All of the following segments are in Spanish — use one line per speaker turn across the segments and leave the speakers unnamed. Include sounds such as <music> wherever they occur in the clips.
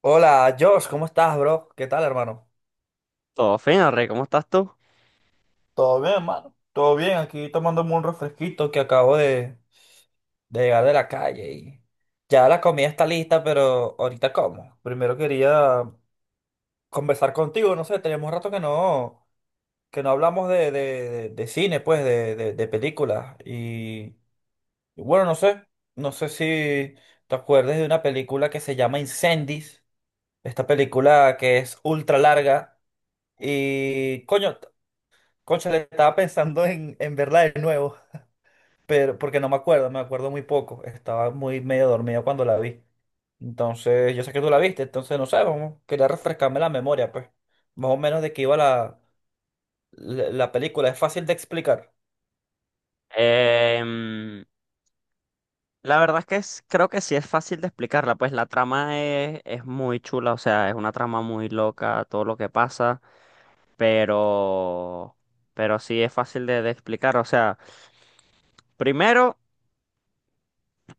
Hola, Josh, ¿cómo estás, bro? ¿Qué tal, hermano?
Todo fino, Rey, ¿cómo estás tú?
Todo bien, hermano. Todo bien, aquí tomándome un refresquito que acabo de llegar de la calle y ya la comida está lista, pero ahorita como. Primero quería conversar contigo, no sé, tenemos rato que no hablamos de cine, pues, de películas. Y bueno, no sé si te acuerdas de una película que se llama Incendies, esta película que es ultra larga. Y coño, Concha, le estaba pensando en verla de nuevo, pero porque no me acuerdo, me acuerdo muy poco. Estaba muy medio dormido cuando la vi. Entonces, yo sé que tú la viste, entonces no sé, vamos, quería refrescarme la memoria, pues. Más o menos de qué iba la película. Es fácil de explicar.
Em, la verdad es que creo que sí es fácil de explicarla, pues la trama es muy chula, o sea, es una trama muy loca, todo lo que pasa, pero, pero sí es fácil de explicar, o sea, primero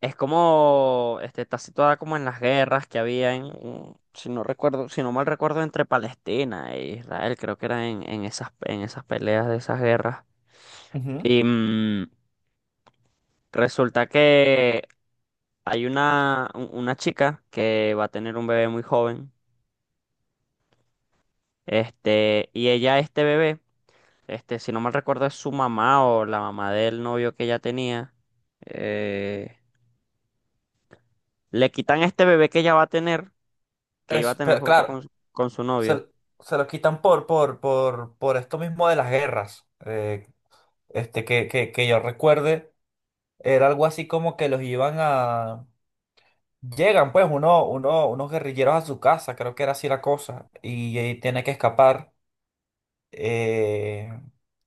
es como, este, está situada como en las guerras que había si no recuerdo, si no mal recuerdo, entre Palestina e Israel, creo que era en esas peleas de esas guerras.
Ujú.
Y resulta que hay una chica que va a tener un bebé muy joven, este, y ella, este bebé, este, si no mal recuerdo, es su mamá o la mamá del novio que ella tenía, eh, le quitan este bebé que ella va a tener, que iba a
Es,
tener junto
claro,
con su novio.
se, se lo quitan por esto mismo de las guerras. Que yo recuerde, era algo así como que los iban a. Llegan pues unos guerrilleros a su casa, creo que era así la cosa, y, tiene que escapar. eh,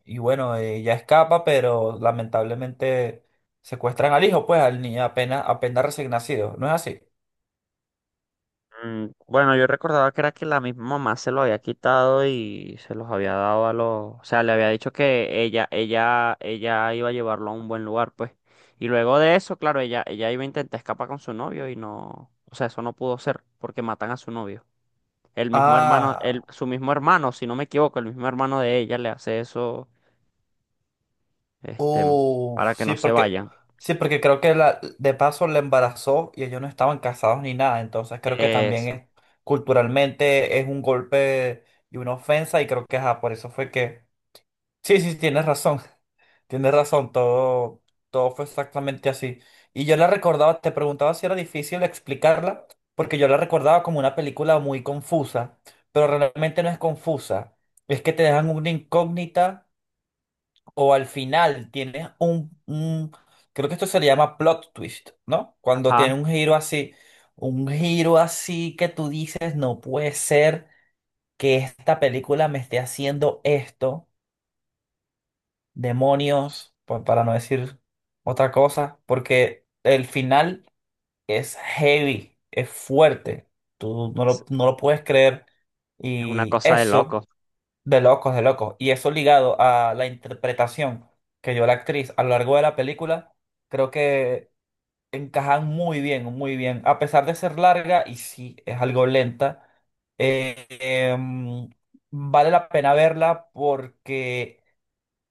y bueno, ella escapa, pero lamentablemente secuestran al hijo, pues al niño apenas recién nacido, ¿no es así?
Mm, bueno, yo recordaba que era que la misma mamá se lo había quitado y se los había dado a los, o sea, le había dicho que ella iba a llevarlo a un buen lugar, pues. Y luego de eso, claro, ella iba a intentar escapar con su novio y no, o sea, eso no pudo ser porque matan a su novio. El mismo hermano,
Ah,
su mismo hermano, si no me equivoco, el mismo hermano de ella le hace eso, este,
uff,
para que no se vayan.
sí, porque creo que la, de paso la embarazó y ellos no estaban casados ni nada, entonces creo que también
Eso.
es, culturalmente es un golpe y una ofensa y creo que ajá, por eso fue que... Sí, sí, sí, tienes razón. Tienes razón, todo, todo fue exactamente así. Y yo la recordaba, te preguntaba si era difícil explicarla, porque yo la recordaba como una película muy confusa, pero realmente no es confusa. Es que te dejan una incógnita o al final tienes creo que esto se le llama plot twist, ¿no? Cuando tiene
Ajá.
un giro así que tú dices, no puede ser que esta película me esté haciendo esto demonios, para no decir otra cosa, porque el final es heavy, es fuerte, tú
Es
no lo puedes creer
es una
y
cosa de
eso
loco.
de locos, y eso ligado a la interpretación que dio la actriz a lo largo de la película, creo que encajan muy bien, a pesar de ser larga y sí, es algo lenta, eh, em, vale la pena verla porque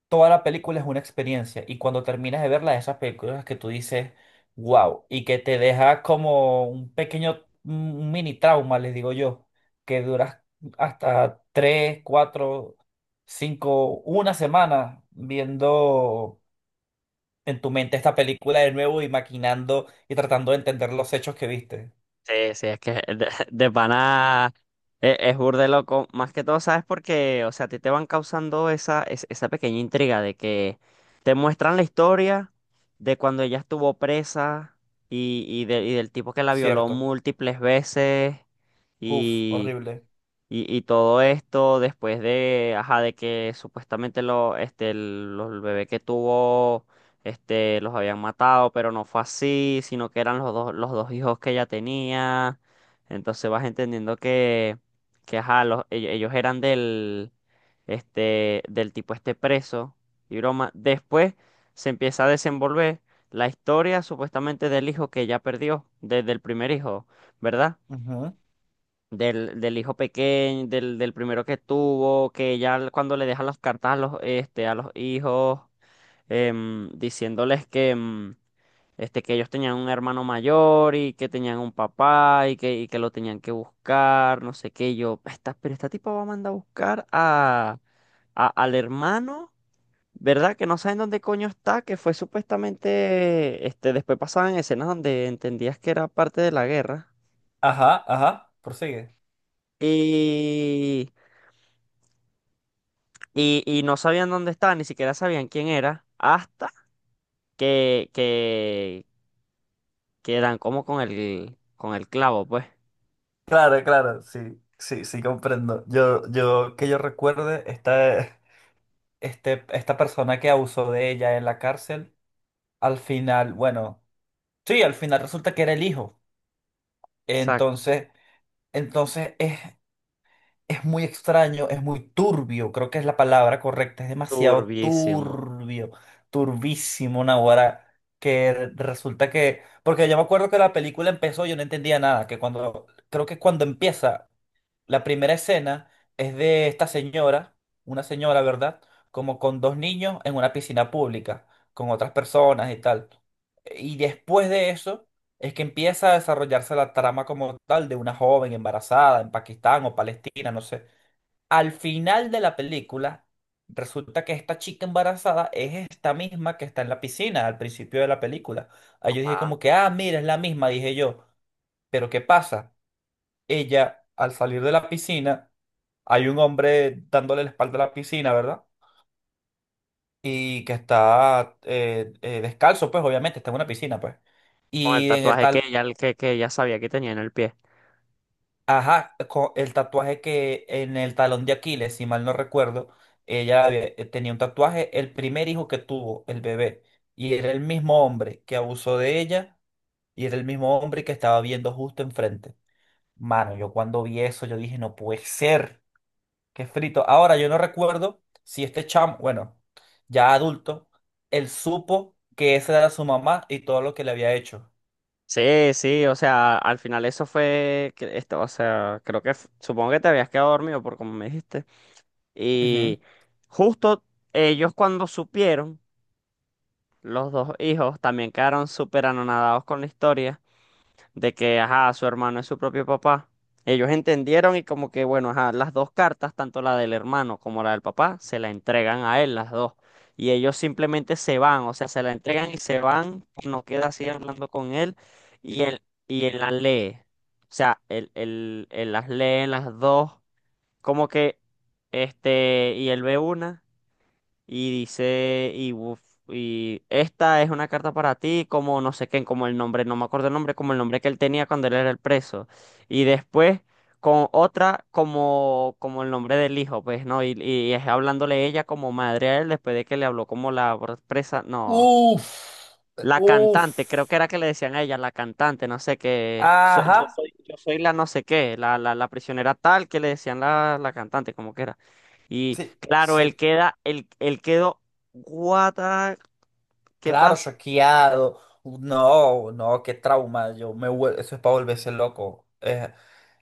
toda la película es una experiencia y cuando terminas de verla, esas películas que tú dices, wow, y que te deja como un pequeño, un mini trauma, les digo yo, que duras hasta tres, cuatro, cinco, una semana viendo en tu mente esta película de nuevo y maquinando y tratando de entender los hechos que viste,
Sí, sí, es que de, <laughs> de pana es burde loco. Más que todo, ¿sabes? Porque, o sea, a ti te van causando esa, esa pequeña intriga de que te muestran la historia de cuando ella estuvo presa y del tipo que la violó
¿cierto?
múltiples veces.
Uf, horrible.
Y todo esto después de, ajá, de que supuestamente lo, este, el, los- el bebé que tuvo, este, los habían matado, pero no fue así, sino que eran los dos hijos que ella tenía. Entonces vas entendiendo que ajá, ellos eran del, este, del tipo este preso y broma. Después se empieza a desenvolver la historia supuestamente del hijo que ella perdió, desde el primer hijo, ¿verdad?
Ujú.
Del hijo pequeño, del primero que tuvo, que ya cuando le dejan las cartas a los, este, a los hijos, em, diciéndoles que, em, este, que ellos tenían un hermano mayor y que tenían un papá y que lo tenían que buscar, no sé qué, y yo, esta, pero esta tipa va a mandar a buscar al hermano. ¿Verdad? Que no saben dónde coño está, que fue supuestamente, este, después pasaban escenas donde entendías que era parte de la guerra.
Ajá, ajá, prosigue.
Y, y y no sabían dónde estaba, ni siquiera sabían quién era, hasta que, que, que dan como con con el clavo, pues.
Claro, claro, sí, sí, sí, comprendo. Que yo recuerde, esta persona que abusó de ella en la cárcel, al final, bueno, sí, al final resulta que era el hijo.
Exacto.
Entonces, entonces es muy extraño, es muy turbio, creo que es la palabra correcta, es demasiado
Turbísimo.
turbio, turbísimo, Naguará, que resulta que, porque yo me acuerdo que la película empezó, yo no entendía nada, que cuando, creo que cuando empieza la primera escena es de esta señora, una señora, ¿verdad? Como con dos niños en una piscina pública, con otras personas y tal. Y después de eso es que empieza a desarrollarse la trama como tal de una joven embarazada en Pakistán o Palestina, no sé. Al final de la película, resulta que esta chica embarazada es esta misma que está en la piscina al principio de la película. Ahí yo dije
Ajá.
como que, ah, mira, es la misma, dije yo. Pero ¿qué pasa? Ella, al salir de la piscina, hay un hombre dándole la espalda a la piscina, ¿verdad? Y que está descalzo, pues obviamente, está en una piscina, pues.
Con el
Y en el
tatuaje que
tal,
ella, que ella sabía que tenía en el pie.
ajá, el tatuaje que en el talón de Aquiles, si mal no recuerdo, tenía un tatuaje, el primer hijo que tuvo, el bebé. Y era el mismo hombre que abusó de ella y era el mismo hombre que estaba viendo justo enfrente. Mano, yo cuando vi eso, yo dije, no puede ser. Que es frito. Ahora, yo no recuerdo si este chamo, bueno, ya adulto, él supo que esa era su mamá y todo lo que le había hecho.
Sí, sí, o sea, al final eso fue, que esto, o sea, creo que, f- supongo que te habías quedado dormido por como me dijiste.
Ujú.
Y justo ellos cuando supieron, los dos hijos también quedaron súper anonadados con la historia. De que, ajá, su hermano es su propio papá. Ellos entendieron y como que, bueno, ajá, las dos cartas, tanto la del hermano como la del papá, se la entregan a él, las dos. Y ellos simplemente se van, o sea, se la entregan y se van, no queda así hablando con él y él, y él las lee. O sea, él las lee las dos, como que, este, y él ve una. Y dice, y, uf, y esta es una carta para ti, como no sé qué, como el nombre, no me acuerdo el nombre, como el nombre que él tenía cuando él era el preso. Y después con otra como, como el nombre del hijo, pues, ¿no? Y es hablándole ella como madre a él después de que le habló como la presa. No.
Uf,
La cantante, creo que
uf.
era que le decían a ella, la cantante, no sé qué.
Ajá,
Yo soy, yo soy la no sé qué, la prisionera tal que le decían la cantante, como que era. Y
sí,
claro, él
sí.
queda, él quedó, what ¿qué
Claro,
pasa?
choqueado. No, no, qué trauma. Yo me, eso es para volverse loco.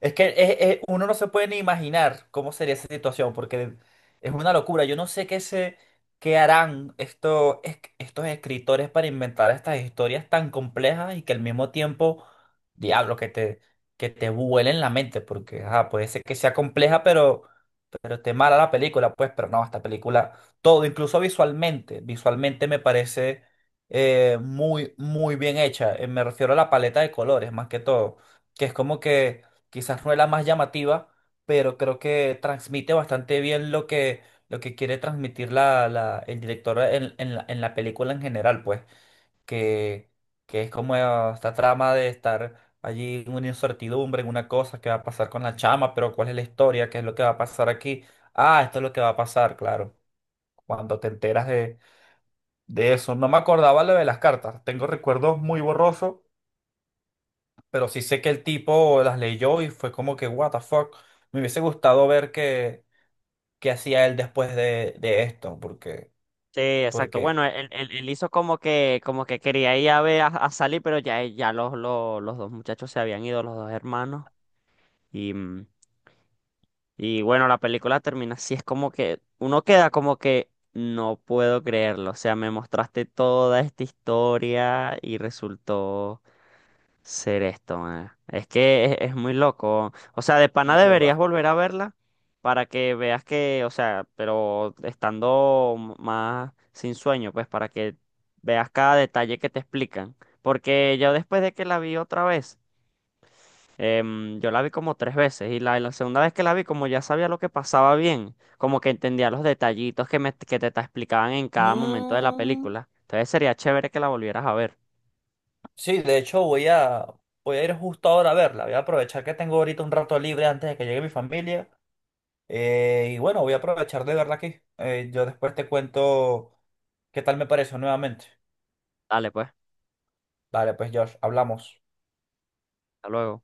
Es que uno no se puede ni imaginar cómo sería esa situación, porque es una locura. Yo no sé qué se, qué harán estos, estos escritores para inventar estas historias tan complejas y que al mismo tiempo, diablo, que te vuelen la mente, porque ajá, puede ser que sea compleja, pero. Pero esté mala la película, pues, pero no, esta película, todo, incluso visualmente, visualmente me parece muy, muy bien hecha. Me refiero a la paleta de colores, más que todo, que es como que quizás no es la más llamativa, pero creo que transmite bastante bien lo que quiere transmitir el director en en la película en general, pues que, que es como esta trama de estar allí en una incertidumbre, en una cosa, qué va a pasar con la chama, pero cuál es la historia, qué es lo que va a pasar aquí. Ah, esto es lo que va a pasar, claro. Cuando te enteras de eso, no me acordaba lo de las cartas, tengo recuerdos muy borrosos, pero sí sé que el tipo las leyó y fue como que, what the fuck, me hubiese gustado ver qué, qué hacía él después de esto, porque,
Sí, exacto.
porque,
Bueno, él hizo como que quería ir a ver a salir, pero ya los dos muchachos se habían ido, los dos hermanos. Y bueno, la película termina así, es como que uno queda como que no puedo creerlo, o sea, me mostraste toda esta historia y resultó ser esto, man. Es que es muy loco, o sea, de pana deberías
burda.
volver a verla para que veas que, o sea, pero estando más sin sueño, pues para que veas cada detalle que te explican, porque yo después de que la vi otra vez em, yo la vi como tres veces y la segunda vez que la vi, como ya sabía lo que pasaba bien, como que entendía los detallitos que, te explicaban en cada momento de la
Mm.
película. Entonces sería chévere que la volvieras a ver.
Sí, de hecho voy a ir justo ahora a verla. Voy a aprovechar que tengo ahorita un rato libre antes de que llegue mi familia. Y bueno, voy a aprovechar de verla aquí. Yo después te cuento qué tal me pareció nuevamente.
Dale, pues,
Vale, pues Josh, hablamos.
hasta luego.